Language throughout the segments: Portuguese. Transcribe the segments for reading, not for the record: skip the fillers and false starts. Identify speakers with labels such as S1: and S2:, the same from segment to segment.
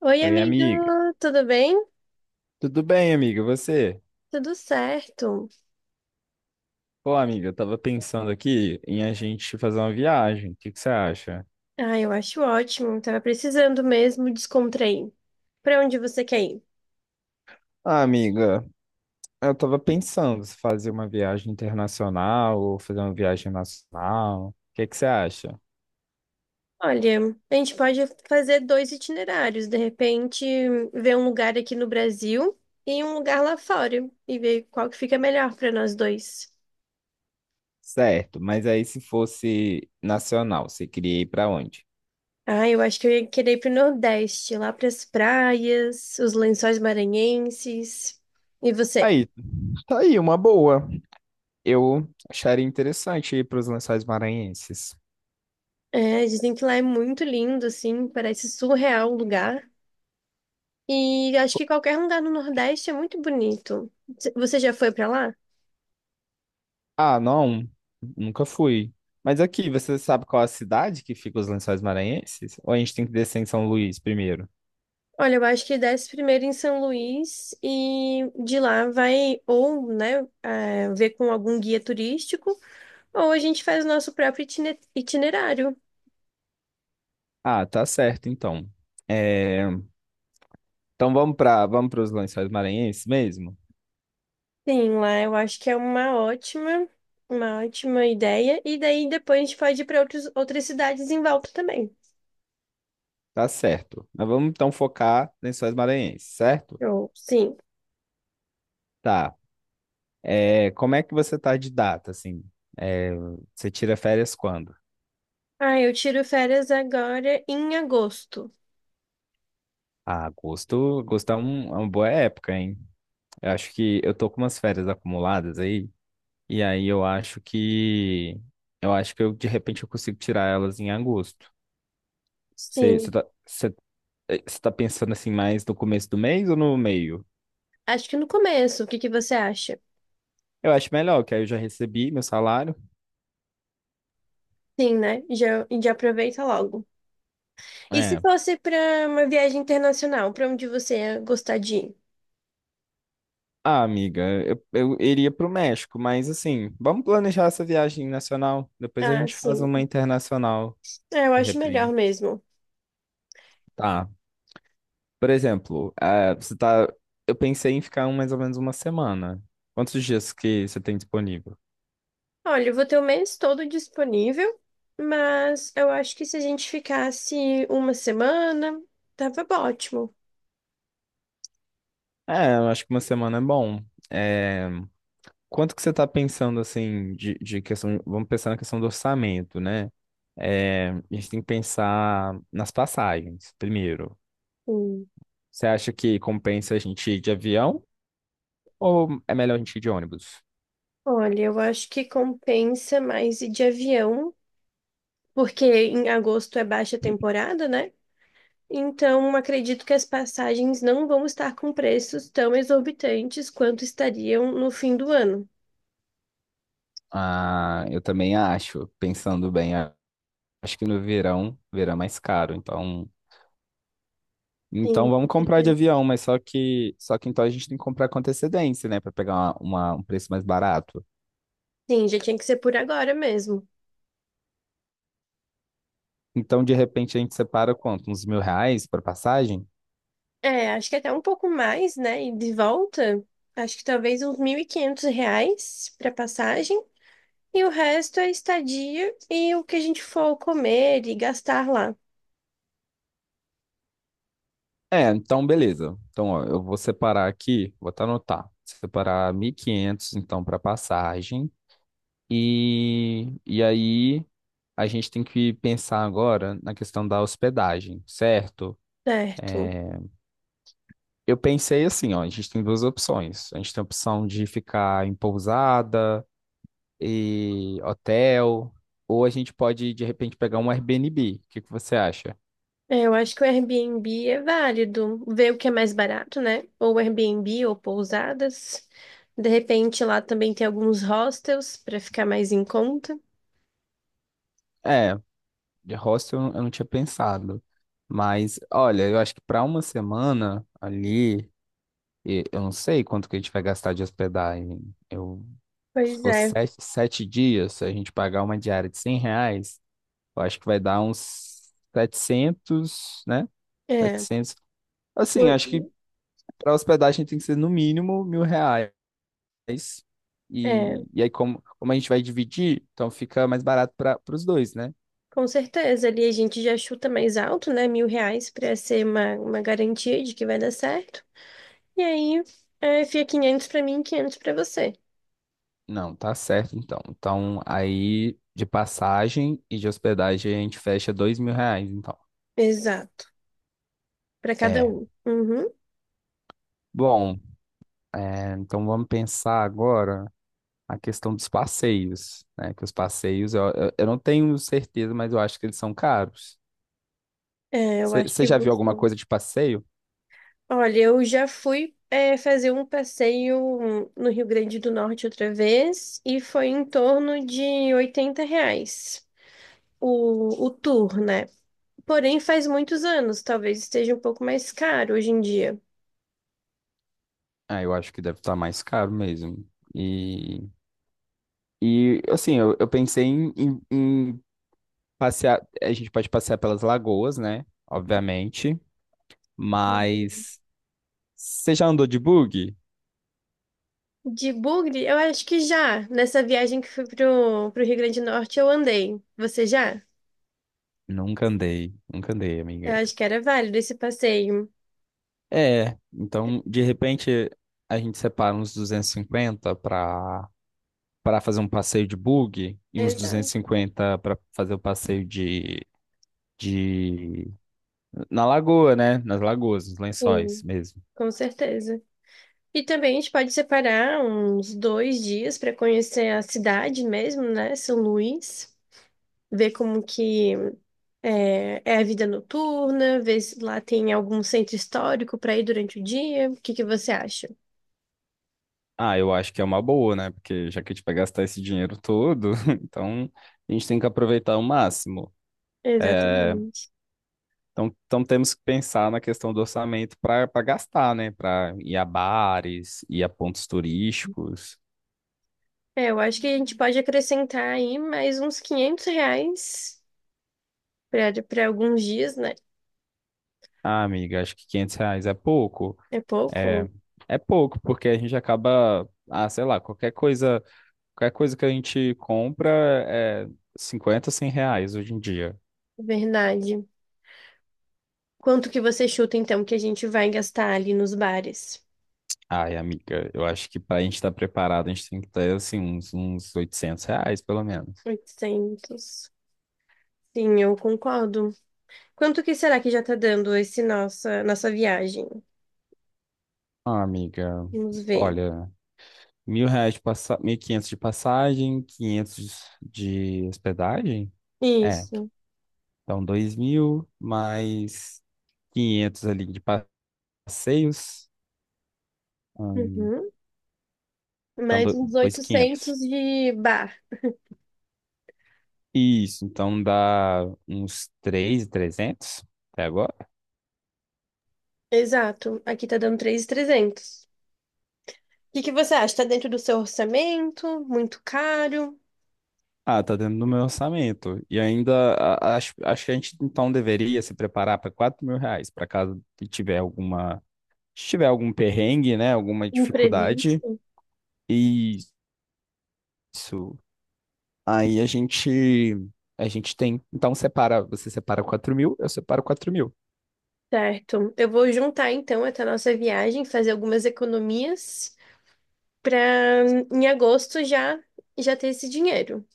S1: Oi,
S2: Oi,
S1: amiga,
S2: amiga.
S1: tudo bem?
S2: Tudo bem, amiga? Você?
S1: Tudo certo.
S2: Pô, amiga, eu tava pensando aqui em a gente fazer uma viagem. O que que você acha?
S1: Ah, eu acho ótimo. Tava precisando mesmo descontrair. Pra onde você quer ir?
S2: Ah, amiga, eu tava pensando se fazer uma viagem internacional ou fazer uma viagem nacional. O que que você acha?
S1: Olha, a gente pode fazer dois itinerários, de repente, ver um lugar aqui no Brasil e um lugar lá fora e ver qual que fica melhor pra nós dois.
S2: Certo, mas aí se fosse nacional, você queria ir pra onde?
S1: Ah, eu acho que eu ia querer ir pro Nordeste, lá pras praias, os Lençóis Maranhenses. E você?
S2: Aí, tá aí, uma boa. Eu acharia interessante ir para os Lençóis Maranhenses.
S1: É, dizem que lá é muito lindo, assim, parece surreal o lugar. E acho que qualquer lugar no Nordeste é muito bonito. Você já foi pra lá?
S2: Ah, não, nunca fui. Mas aqui, você sabe qual é a cidade que fica os Lençóis Maranhenses? Ou a gente tem que descer em São Luís primeiro?
S1: Olha, eu acho que desce primeiro em São Luís e de lá vai ou, né, ver com algum guia turístico ou a gente faz o nosso próprio itinerário.
S2: Ah, tá certo, então. É, então vamos para os Lençóis Maranhenses mesmo?
S1: Sim, lá eu acho que é uma ótima ideia. E daí depois a gente pode ir para outras cidades em volta também.
S2: Tá certo. Mas vamos então focar em Lençóis Maranhenses, certo?
S1: Eu, sim.
S2: Tá. É, como é que você tá de data, assim? É, você tira férias quando?
S1: Ah, eu tiro férias agora em agosto.
S2: Ah, agosto, agosto é uma boa época, hein? Eu acho que eu tô com umas férias acumuladas aí. E aí eu acho que eu de repente eu consigo tirar elas em agosto. Você
S1: Sim.
S2: tá, cê- eh, cê tá pensando assim mais no começo do mês ou no meio?
S1: Acho que no começo. O que que você acha?
S2: Eu acho melhor, que aí eu já recebi meu salário.
S1: Sim, né? Já, já aproveita logo. E se
S2: É.
S1: fosse para uma viagem internacional, para onde você ia gostar de ir?
S2: Ah, amiga, eu iria pro México, mas assim, vamos planejar essa viagem nacional. Depois a
S1: Ah,
S2: gente faz
S1: sim.
S2: uma internacional,
S1: É, eu
S2: de
S1: acho melhor
S2: repente.
S1: mesmo.
S2: Tá. Por exemplo, você tá. Eu pensei em ficar mais ou menos uma semana. Quantos dias que você tem disponível?
S1: Olha, eu vou ter o mês todo disponível, mas eu acho que se a gente ficasse uma semana, tava ótimo.
S2: É, eu acho que uma semana é bom. É, quanto que você está pensando, assim, de questão. Vamos pensar na questão do orçamento, né? É, a gente tem que pensar nas passagens, primeiro.
S1: Hum.
S2: Você acha que compensa a gente ir de avião ou é melhor a gente ir de ônibus?
S1: Olha, eu acho que compensa mais ir de avião, porque em agosto é baixa temporada, né? Então, acredito que as passagens não vão estar com preços tão exorbitantes quanto estariam no fim do ano.
S2: Ah, eu também acho, pensando bem, acho que no verão, verão é mais caro, então. Então
S1: Sim, com
S2: vamos comprar de
S1: certeza.
S2: avião, mas só que então a gente tem que comprar com antecedência, né? Para pegar um preço mais barato.
S1: Sim, já tinha que ser por agora mesmo.
S2: Então, de repente, a gente separa quanto? Uns R$ 1.000 para passagem?
S1: É, acho que até um pouco mais, né? E de volta, acho que talvez uns R$ 1.500 para passagem. E o resto é estadia e o que a gente for comer e gastar lá.
S2: É, então beleza. Então, ó, eu vou separar aqui, vou até anotar. Separar 1.500 então, para passagem. E aí, a gente tem que pensar agora na questão da hospedagem, certo?
S1: Certo.
S2: É, eu pensei assim, ó, a gente tem duas opções. A gente tem a opção de ficar em pousada e hotel, ou a gente pode, de repente, pegar um Airbnb. O que que você acha?
S1: É, eu acho que o Airbnb é válido. Ver o que é mais barato, né? Ou Airbnb ou pousadas. De repente lá também tem alguns hostels para ficar mais em conta.
S2: É, de hostel eu não tinha pensado. Mas, olha, eu acho que para uma semana ali, eu não sei quanto que a gente vai gastar de hospedagem. Eu, Se
S1: Pois
S2: for
S1: é,
S2: sete dias, se a gente pagar uma diária de R$ 100, eu acho que vai dar uns 700, né?
S1: é,
S2: 700. Assim, acho que
S1: o-
S2: para hospedagem tem que ser no mínimo R$ 1.000.
S1: é,
S2: E aí, como a gente vai dividir, então fica mais barato para os dois, né?
S1: com certeza. Ali a gente já chuta mais alto, né? R$ 1.000 para ser uma garantia de que vai dar certo. E aí é, fica 500 para mim e 500 para você.
S2: Não, tá certo então. Então, aí de passagem e de hospedagem a gente fecha R$ 2.000, então.
S1: Exato. Para cada
S2: É.
S1: um. Uhum.
S2: Bom, então vamos pensar agora a questão dos passeios, né? Que os passeios, eu não tenho certeza, mas eu acho que eles são caros.
S1: É, eu acho
S2: Você
S1: que
S2: já viu
S1: você.
S2: alguma coisa de passeio?
S1: Olha, eu já fui fazer um passeio no Rio Grande do Norte outra vez e foi em torno de R$ 80 o tour, né? Porém, faz muitos anos, talvez esteja um pouco mais caro hoje em dia.
S2: Ah, eu acho que deve estar mais caro mesmo. E, e assim, eu pensei em passear. A gente pode passear pelas lagoas, né? Obviamente. Mas você já andou de bug?
S1: De Bugre, eu acho que já. Nessa viagem que fui pro Rio Grande do Norte, eu andei. Você já?
S2: Nunca andei, nunca andei,
S1: Eu
S2: amiga.
S1: acho que era válido esse passeio.
S2: É, então de repente a gente separa uns 250 para fazer um passeio de bug e uns duzentos e
S1: Exato.
S2: cinquenta para fazer o passeio de na lagoa, né? Nas lagoas, nos lençóis
S1: Sim,
S2: mesmo.
S1: com certeza. E também a gente pode separar uns 2 dias para conhecer a cidade mesmo, né? São Luís, ver como que é a vida noturna, ver se lá tem algum centro histórico para ir durante o dia. O que que você acha?
S2: Ah, eu acho que é uma boa, né? Porque já que a gente vai gastar esse dinheiro todo, então a gente tem que aproveitar o máximo. É,
S1: Exatamente.
S2: então temos que pensar na questão do orçamento para gastar, né? Para ir a bares, ir a pontos turísticos.
S1: É, eu acho que a gente pode acrescentar aí mais uns R$ 500 para alguns dias, né?
S2: Ah, amiga, acho que R$ 500 é pouco.
S1: É
S2: É,
S1: pouco,
S2: é pouco, porque a gente acaba, ah, sei lá, qualquer coisa que a gente compra é 50, R$ 100 hoje em dia.
S1: verdade. Quanto que você chuta então que a gente vai gastar ali nos bares?
S2: Ai, amiga, eu acho que para a gente estar preparado, a gente tem que ter, assim, uns R$ 800, pelo menos.
S1: 800. Sim, eu concordo. Quanto que será que já tá dando esse nossa viagem?
S2: Ah, amiga,
S1: Vamos ver.
S2: olha, R$ 1.000 de passagem, 1.500 de passagem, 500 de hospedagem? É,
S1: Isso.
S2: então 2.000 mais 500 ali de passeios, hum,
S1: Uhum.
S2: então
S1: Mais uns
S2: 2.500.
S1: 800 de bar.
S2: Isso, então dá uns 3.300 até agora.
S1: Exato. Aqui tá dando 3.300. O que que você acha? Tá dentro do seu orçamento? Muito caro?
S2: Ah, tá dentro do meu orçamento. E ainda acho que a gente então deveria se preparar para R$ 4.000, para caso tiver alguma, se tiver algum perrengue, né, alguma dificuldade.
S1: Imprevisto?
S2: Isso. Aí a gente tem, você separa 4.000, eu separo 4.000.
S1: Certo. Eu vou juntar então essa nossa viagem, fazer algumas economias para em agosto já já ter esse dinheiro.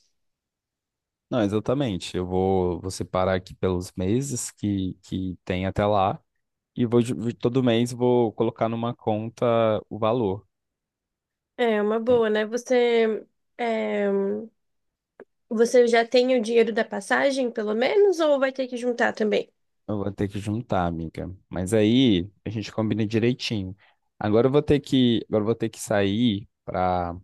S2: Não, exatamente. Eu vou separar aqui pelos meses que tem até lá e todo mês vou colocar numa conta o valor.
S1: É uma
S2: É,
S1: boa, né? Você é, você já tem o dinheiro da passagem, pelo menos, ou vai ter que juntar também?
S2: eu vou ter que juntar, amiga. Mas aí a gente combina direitinho. Agora eu vou ter que, agora eu vou ter que sair para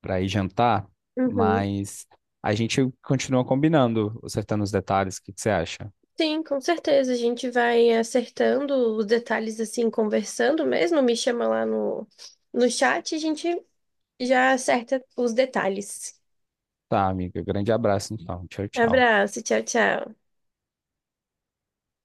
S2: para ir jantar,
S1: Uhum.
S2: mas a gente continua combinando, acertando os detalhes. O que que você acha?
S1: Sim, com certeza. A gente vai acertando os detalhes assim, conversando mesmo. Me chama lá no chat e a gente já acerta os detalhes.
S2: Tá, amiga. Grande abraço, então. Tchau, tchau.
S1: Abraço, tchau, tchau.